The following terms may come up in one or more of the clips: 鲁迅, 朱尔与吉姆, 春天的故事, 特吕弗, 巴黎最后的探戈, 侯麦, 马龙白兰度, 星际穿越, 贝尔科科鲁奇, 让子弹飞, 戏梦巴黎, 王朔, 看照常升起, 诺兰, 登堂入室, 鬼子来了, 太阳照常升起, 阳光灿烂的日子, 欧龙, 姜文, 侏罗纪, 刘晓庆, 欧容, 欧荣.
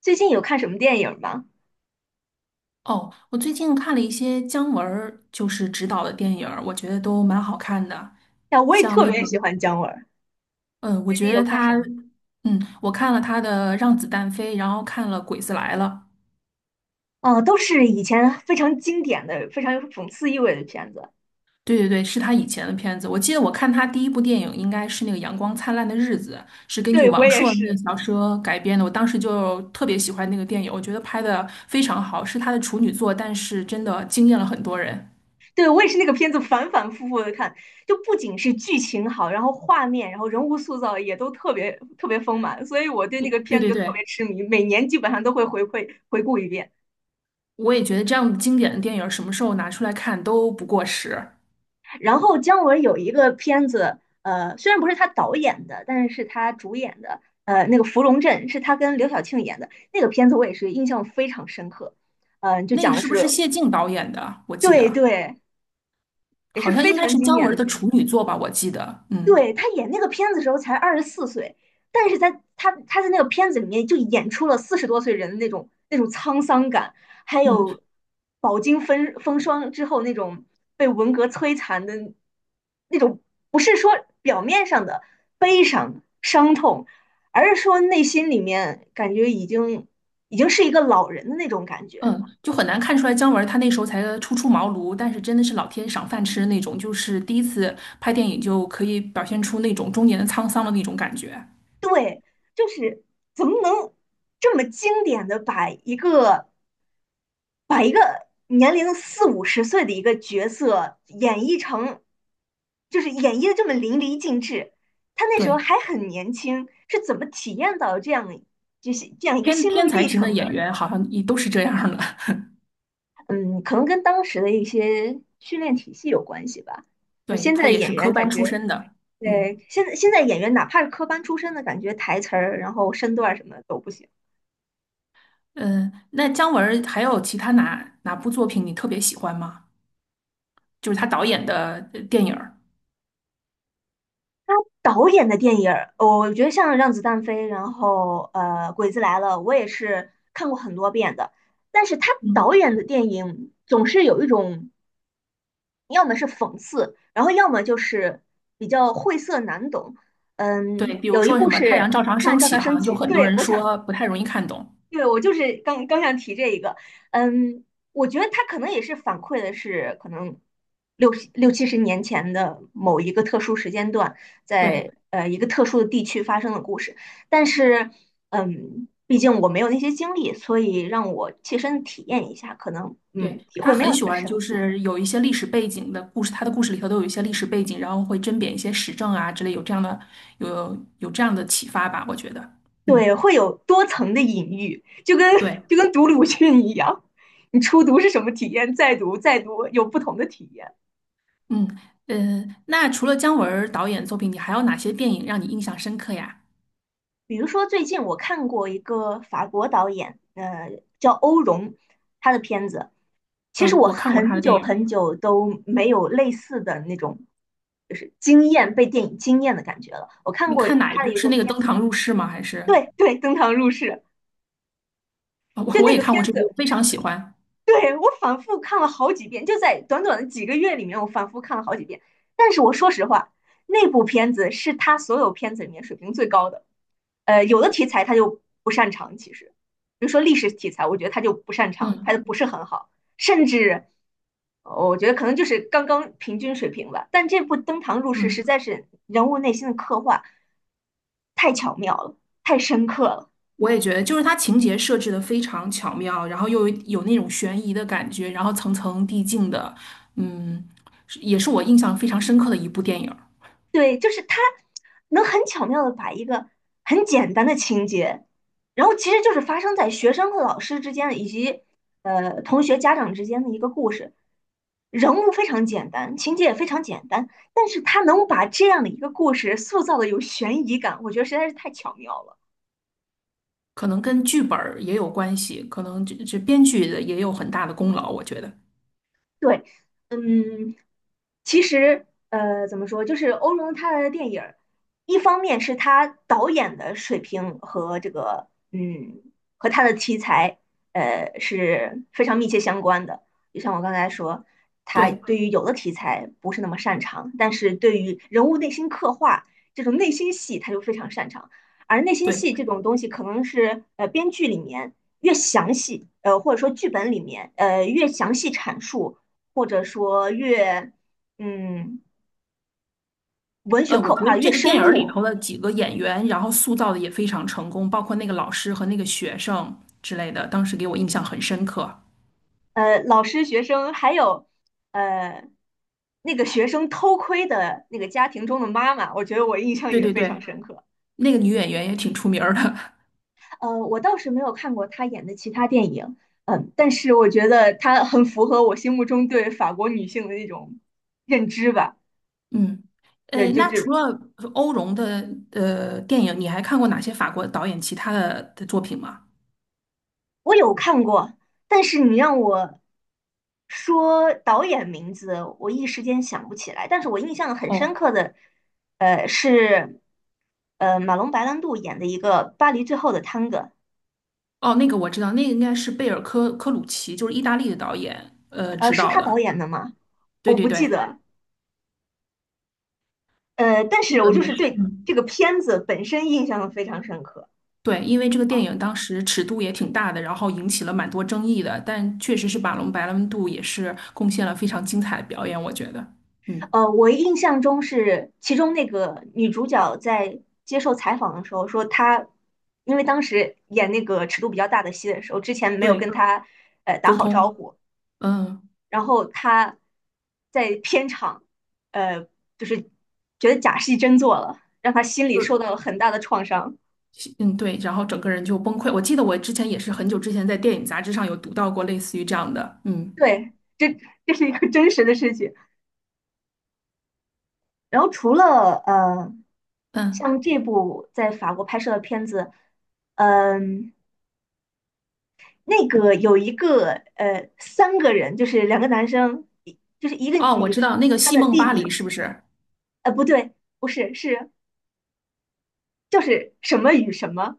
最近有看什么电影吗？哦，我最近看了一些姜文儿执导的电影儿，我觉得都蛮好看的。呀，我也像特那个，别喜欢姜文儿。嗯，我最近觉有得看什他，么？嗯，我看了他的《让子弹飞》，然后看了《鬼子来了》。哦，都是以前非常经典的、非常有讽刺意味的片子。对对对，是他以前的片子。我记得我看他第一部电影应该是那个《阳光灿烂的日子》，是根据对，我王也朔那个是。小说改编的。我当时就特别喜欢那个电影，我觉得拍的非常好，是他的处女作，但是真的惊艳了很多人。对，我也是那个片子反反复复的看，就不仅是剧情好，然后画面，然后人物塑造也都特别特别丰满，所以我对那个片对子对就特对。别痴迷，每年基本上都会回顾一遍。我也觉得这样经典的电影什么时候拿出来看都不过时。然后姜文有一个片子，虽然不是他导演的，但是是他主演的，那个《芙蓉镇》是他跟刘晓庆演的那个片子，我也是印象非常深刻。就那讲个的是不是。是谢晋导演的？我记对得对，也是好像非应该常是经姜典的文的片子。处女作吧，我记得。嗯。对，他演那个片子的时候才24岁，但是他在那个片子里面就演出了40多岁人的那种沧桑感，还嗯有饱经风霜之后那种被文革摧残的那种，不是说表面上的伤痛，而是说内心里面感觉已经是一个老人的那种感觉。嗯，就很难看出来姜文他那时候才初出茅庐，但是真的是老天赏饭吃的那种，就是第一次拍电影就可以表现出那种中年的沧桑的那种感觉。对，就是怎么能这么经典的把一个年龄四五十岁的一个角色演绎成，就是演绎的这么淋漓尽致。他那时候对，还很年轻，是怎么体验到这样一个心路天才历型的程演的？员好像也都是这样的。嗯，可能跟当时的一些训练体系有关系吧。对，现在他的也演是员科感班出觉，身的。嗯。对，现在演员哪怕是科班出身的，感觉台词儿，然后身段儿什么都不行。嗯，那姜文儿还有其他哪部作品你特别喜欢吗？就是他导演的电影儿。他导演的电影儿，我觉得像《让子弹飞》，然后《鬼子来了》，我也是看过很多遍的。但是他导嗯，演的电影总是有一种，要么是讽刺，然后要么就是比较晦涩难懂。对，嗯，比如有一说什部么是《太阳照常《看升照起》，常好升像就起》。很多人说不太容易看懂。对，我就是刚刚想提这一个。嗯，我觉得他可能也是反馈的是可能六十六七十年前的某一个特殊时间段，对，在一个特殊的地区发生的故事，但是毕竟我没有那些经历，所以让我切身体验一下，可能对，体他会没有很那喜么欢，深就刻。是有一些历史背景的故事，他的故事里头都有一些历史背景，然后会甄别一些时政啊之类，有这样的有这样的启发吧，我觉得。嗯，对，会有多层的隐喻，就跟 对，就跟读鲁迅一样，你初读是什么体验，再读再读有不同的体验。嗯。嗯，那除了姜文儿导演作品，你还有哪些电影让你印象深刻呀？比如说，最近我看过一个法国导演，叫欧容，他的片子。其实嗯，我我看过他很的电久影。很久都没有类似的那种，就是被电影惊艳的感觉了。我看你过看哪一他的部？一是个那个片《登子。堂入室》吗？还是对对，《登堂入室》哦就我那也个看片过这部，我子，非常喜欢。对我反复看了好几遍，就在短短的几个月里面，我反复看了好几遍。但是我说实话，那部片子是他所有片子里面水平最高的。有的题材他就不擅长，其实，比如说历史题材，我觉得他就不擅长，嗯。拍的不是很好，甚至我觉得可能就是刚刚平均水平吧。但这部《登堂入室》实嗯，在是人物内心的刻画太巧妙了，太深刻了。我也觉得，就是它情节设置的非常巧妙，然后又有那种悬疑的感觉，然后层层递进的，嗯，是也是我印象非常深刻的一部电影儿。对，就是他能很巧妙的把一个很简单的情节，然后其实就是发生在学生和老师之间的，以及同学家长之间的一个故事。人物非常简单，情节也非常简单，但是他能把这样的一个故事塑造的有悬疑感，我觉得实在是太巧妙了。可能跟剧本儿也有关系，可能这编剧的也有很大的功劳，我觉得。对。嗯，其实，怎么说，就是欧龙他的电影儿，一方面是他导演的水平和这个，和他的题材，是非常密切相关的。就像我刚才说，他对对于有的题材不是那么擅长，但是对于人物内心刻画这种内心戏，他就非常擅长。而内心对，戏这种东西，可能是编剧里面越详细，或者说剧本里面越详细阐述，或者说越嗯，文学我刻觉得画得越这个深电影儿里入。头的几个演员，然后塑造的也非常成功，包括那个老师和那个学生之类的，当时给我印象很深刻。老师、学生还有呃那个学生偷窥的那个家庭中的妈妈，我觉得我印象对也对非常对，深刻。那个女演员也挺出名儿的。我倒是没有看过她演的其他电影。嗯，但是我觉得她很符合我心目中对法国女性的那种认知吧。嗯，对，呃，就那除是了欧荣的电影，你还看过哪些法国导演其他的作品吗？我有看过，但是你让我说导演名字，我一时间想不起来。但是我印象很深哦刻的，是马龙白兰度演的一个《巴黎最后的探戈》。哦，那个我知道，那个应该是贝尔科鲁奇，就是意大利的导演执是导他导的。演的吗？对我对不记对，得。但那是我个就也是是，对嗯，这个片子本身印象非常深刻。对，因为这个电影当时尺度也挺大的，然后引起了蛮多争议的，但确实是马龙白兰度也是贡献了非常精彩的表演，我觉得。嗯，我印象中是其中那个女主角在接受采访的时候说她，因为当时演那个尺度比较大的戏的时候，之前没有跟对，她打沟好招通，呼，嗯。然后她在片场呃就是觉得假戏真做了，让她心里受就到了很大的创伤。嗯，对，然后整个人就崩溃。我记得我之前也是很久之前在电影杂志上有读到过类似于这样的，嗯。对，这这是一个真实的事情。然后除了嗯，像这部在法国拍摄的片子，嗯、那个有一个三个人，就是两个男生，一就是一个哦，我女知生，道那个她《戏的梦弟巴黎》弟，是不是？不对，不是就是什么与什么。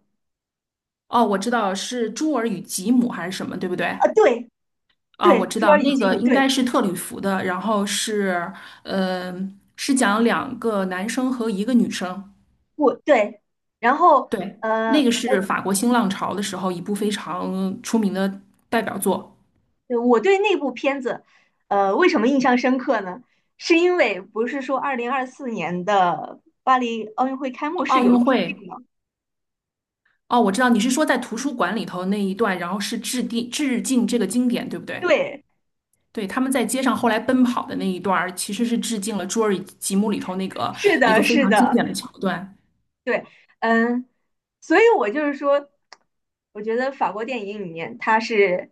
哦，我知道是朱尔与吉姆还是什么，对不对？啊？对啊，对，我知朱道尔与那吉个姆。应该对是特吕弗的，然后是，呃，是讲两个男生和一个女生，我对，然后对，呃那个是我法国新浪潮的时候一部非常出名的代表作，我对那部片子为什么印象深刻呢？是因为不是说2024年的巴黎奥运会开幕式奥有运致会。敬吗？哦，我知道你是说在图书馆里头那一段，然后是致敬这个经典，对不对？对，对，他们在街上后来奔跑的那一段儿其实是致敬了《侏尔纪》节目里头是一个的，非是常经的。典的桥段。对。嗯，所以我就是说，我觉得法国电影里面，它是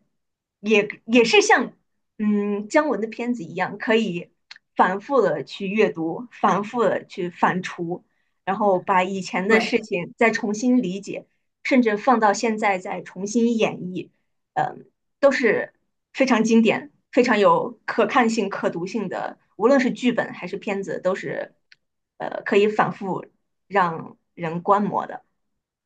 也是像姜文的片子一样，可以反复的去阅读，反复的去反刍，然后把以前的对，事情再重新理解，甚至放到现在再重新演绎。嗯，都是非常经典、非常有可看性、可读性的，无论是剧本还是片子，都是可以反复。让人观摩的。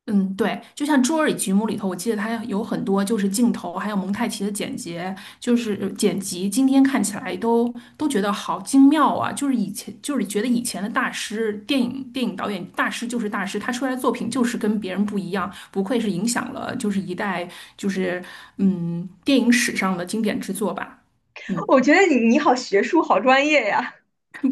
嗯，对，就像《侏罗纪节目》里头，我记得它有很多就是镜头，还有蒙太奇的剪辑，剪辑。今天看起来都觉得好精妙啊！就是以前就是觉得以前的大师，电影导演大师就是大师，他出来的作品就是跟别人不一样，不愧是影响了一代就是电影史上的经典之作吧。嗯。我觉得你好学术，好专业呀。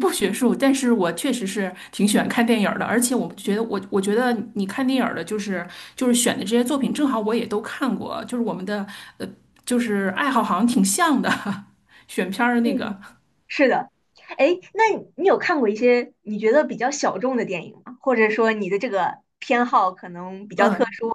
不学术，但是我确实是挺喜欢看电影儿的，而且我觉得你看电影儿的，就是选的这些作品，正好我也都看过，就是我们的呃，就是爱好好像挺像的，选片儿的嗯。那个，是的。哎，那你有看过一些你觉得比较小众的电影吗？或者说你的这个偏好可能比较特嗯，殊？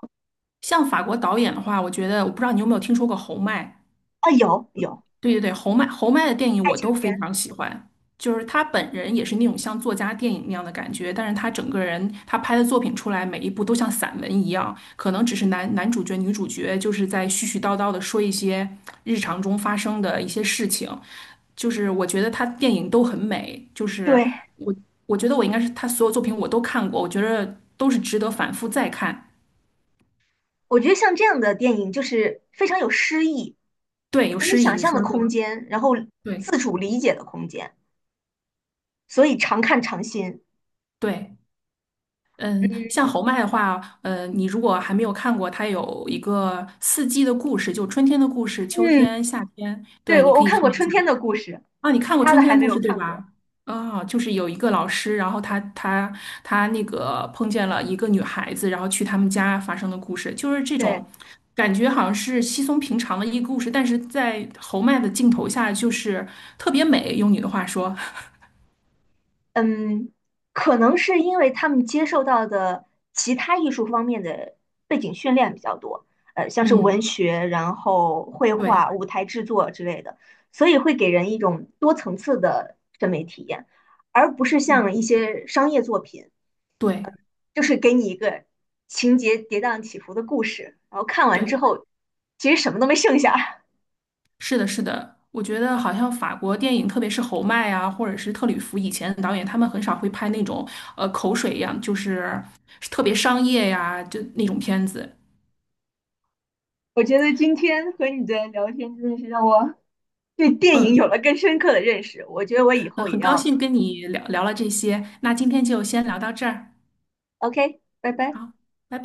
像法国导演的话，我觉得我不知道你有没有听说过侯麦，啊？有有，对对对，侯麦的电影我都非偏。常喜欢，就是他本人也是那种像作家电影那样的感觉，但是他整个人他拍的作品出来，每一部都像散文一样，可能只是男主角、女主角就是在絮絮叨叨的说一些日常中发生的一些事情，就是我觉得他电影都很美，对，我我觉得我应该是他所有作品我都看过，我觉得都是值得反复再看。我觉得像这样的电影就是非常有诗意，对，有给你诗意，想你象说的的对，空间，然后对自主理解的空间，所以常看常新。对。嗯，嗯像侯麦的话，呃，你如果还没有看过，它有一个四季的故事，就春天的故事、秋嗯，天、夏天，对，对，你我可我以看看过一《春下。天的故事》，啊，你看其过他春的天还的没故有事对看过。吧？啊，就是有一个老师，然后他那个碰见了一个女孩子，然后去他们家发生的故事，就是这对。种感觉，好像是稀松平常的一个故事，但是在侯麦的镜头下，就是特别美，用你的话说，嗯，可能是因为他们接受到的其他艺术方面的背景训练比较多，像是文嗯，学，然后绘对，画、舞台制作之类的，所以会给人一种多层次的审美体验，而不是像嗯，一些商业作品，对。就是给你一个情节跌宕起伏的故事，然后看完之对后，其实什么都没剩下。是的，是的，我觉得好像法国电影，特别是侯麦啊，或者是特吕弗以前的导演，他们很少会拍那种呃口水一样，就是特别商业呀，就那种片子。我觉得今天和你的聊天真的是让我对电影有嗯，了更深刻的认识，我觉得我以呃，后也很高要。兴跟你聊聊了这些，那今天就先聊到这儿，OK，拜拜。好，拜拜。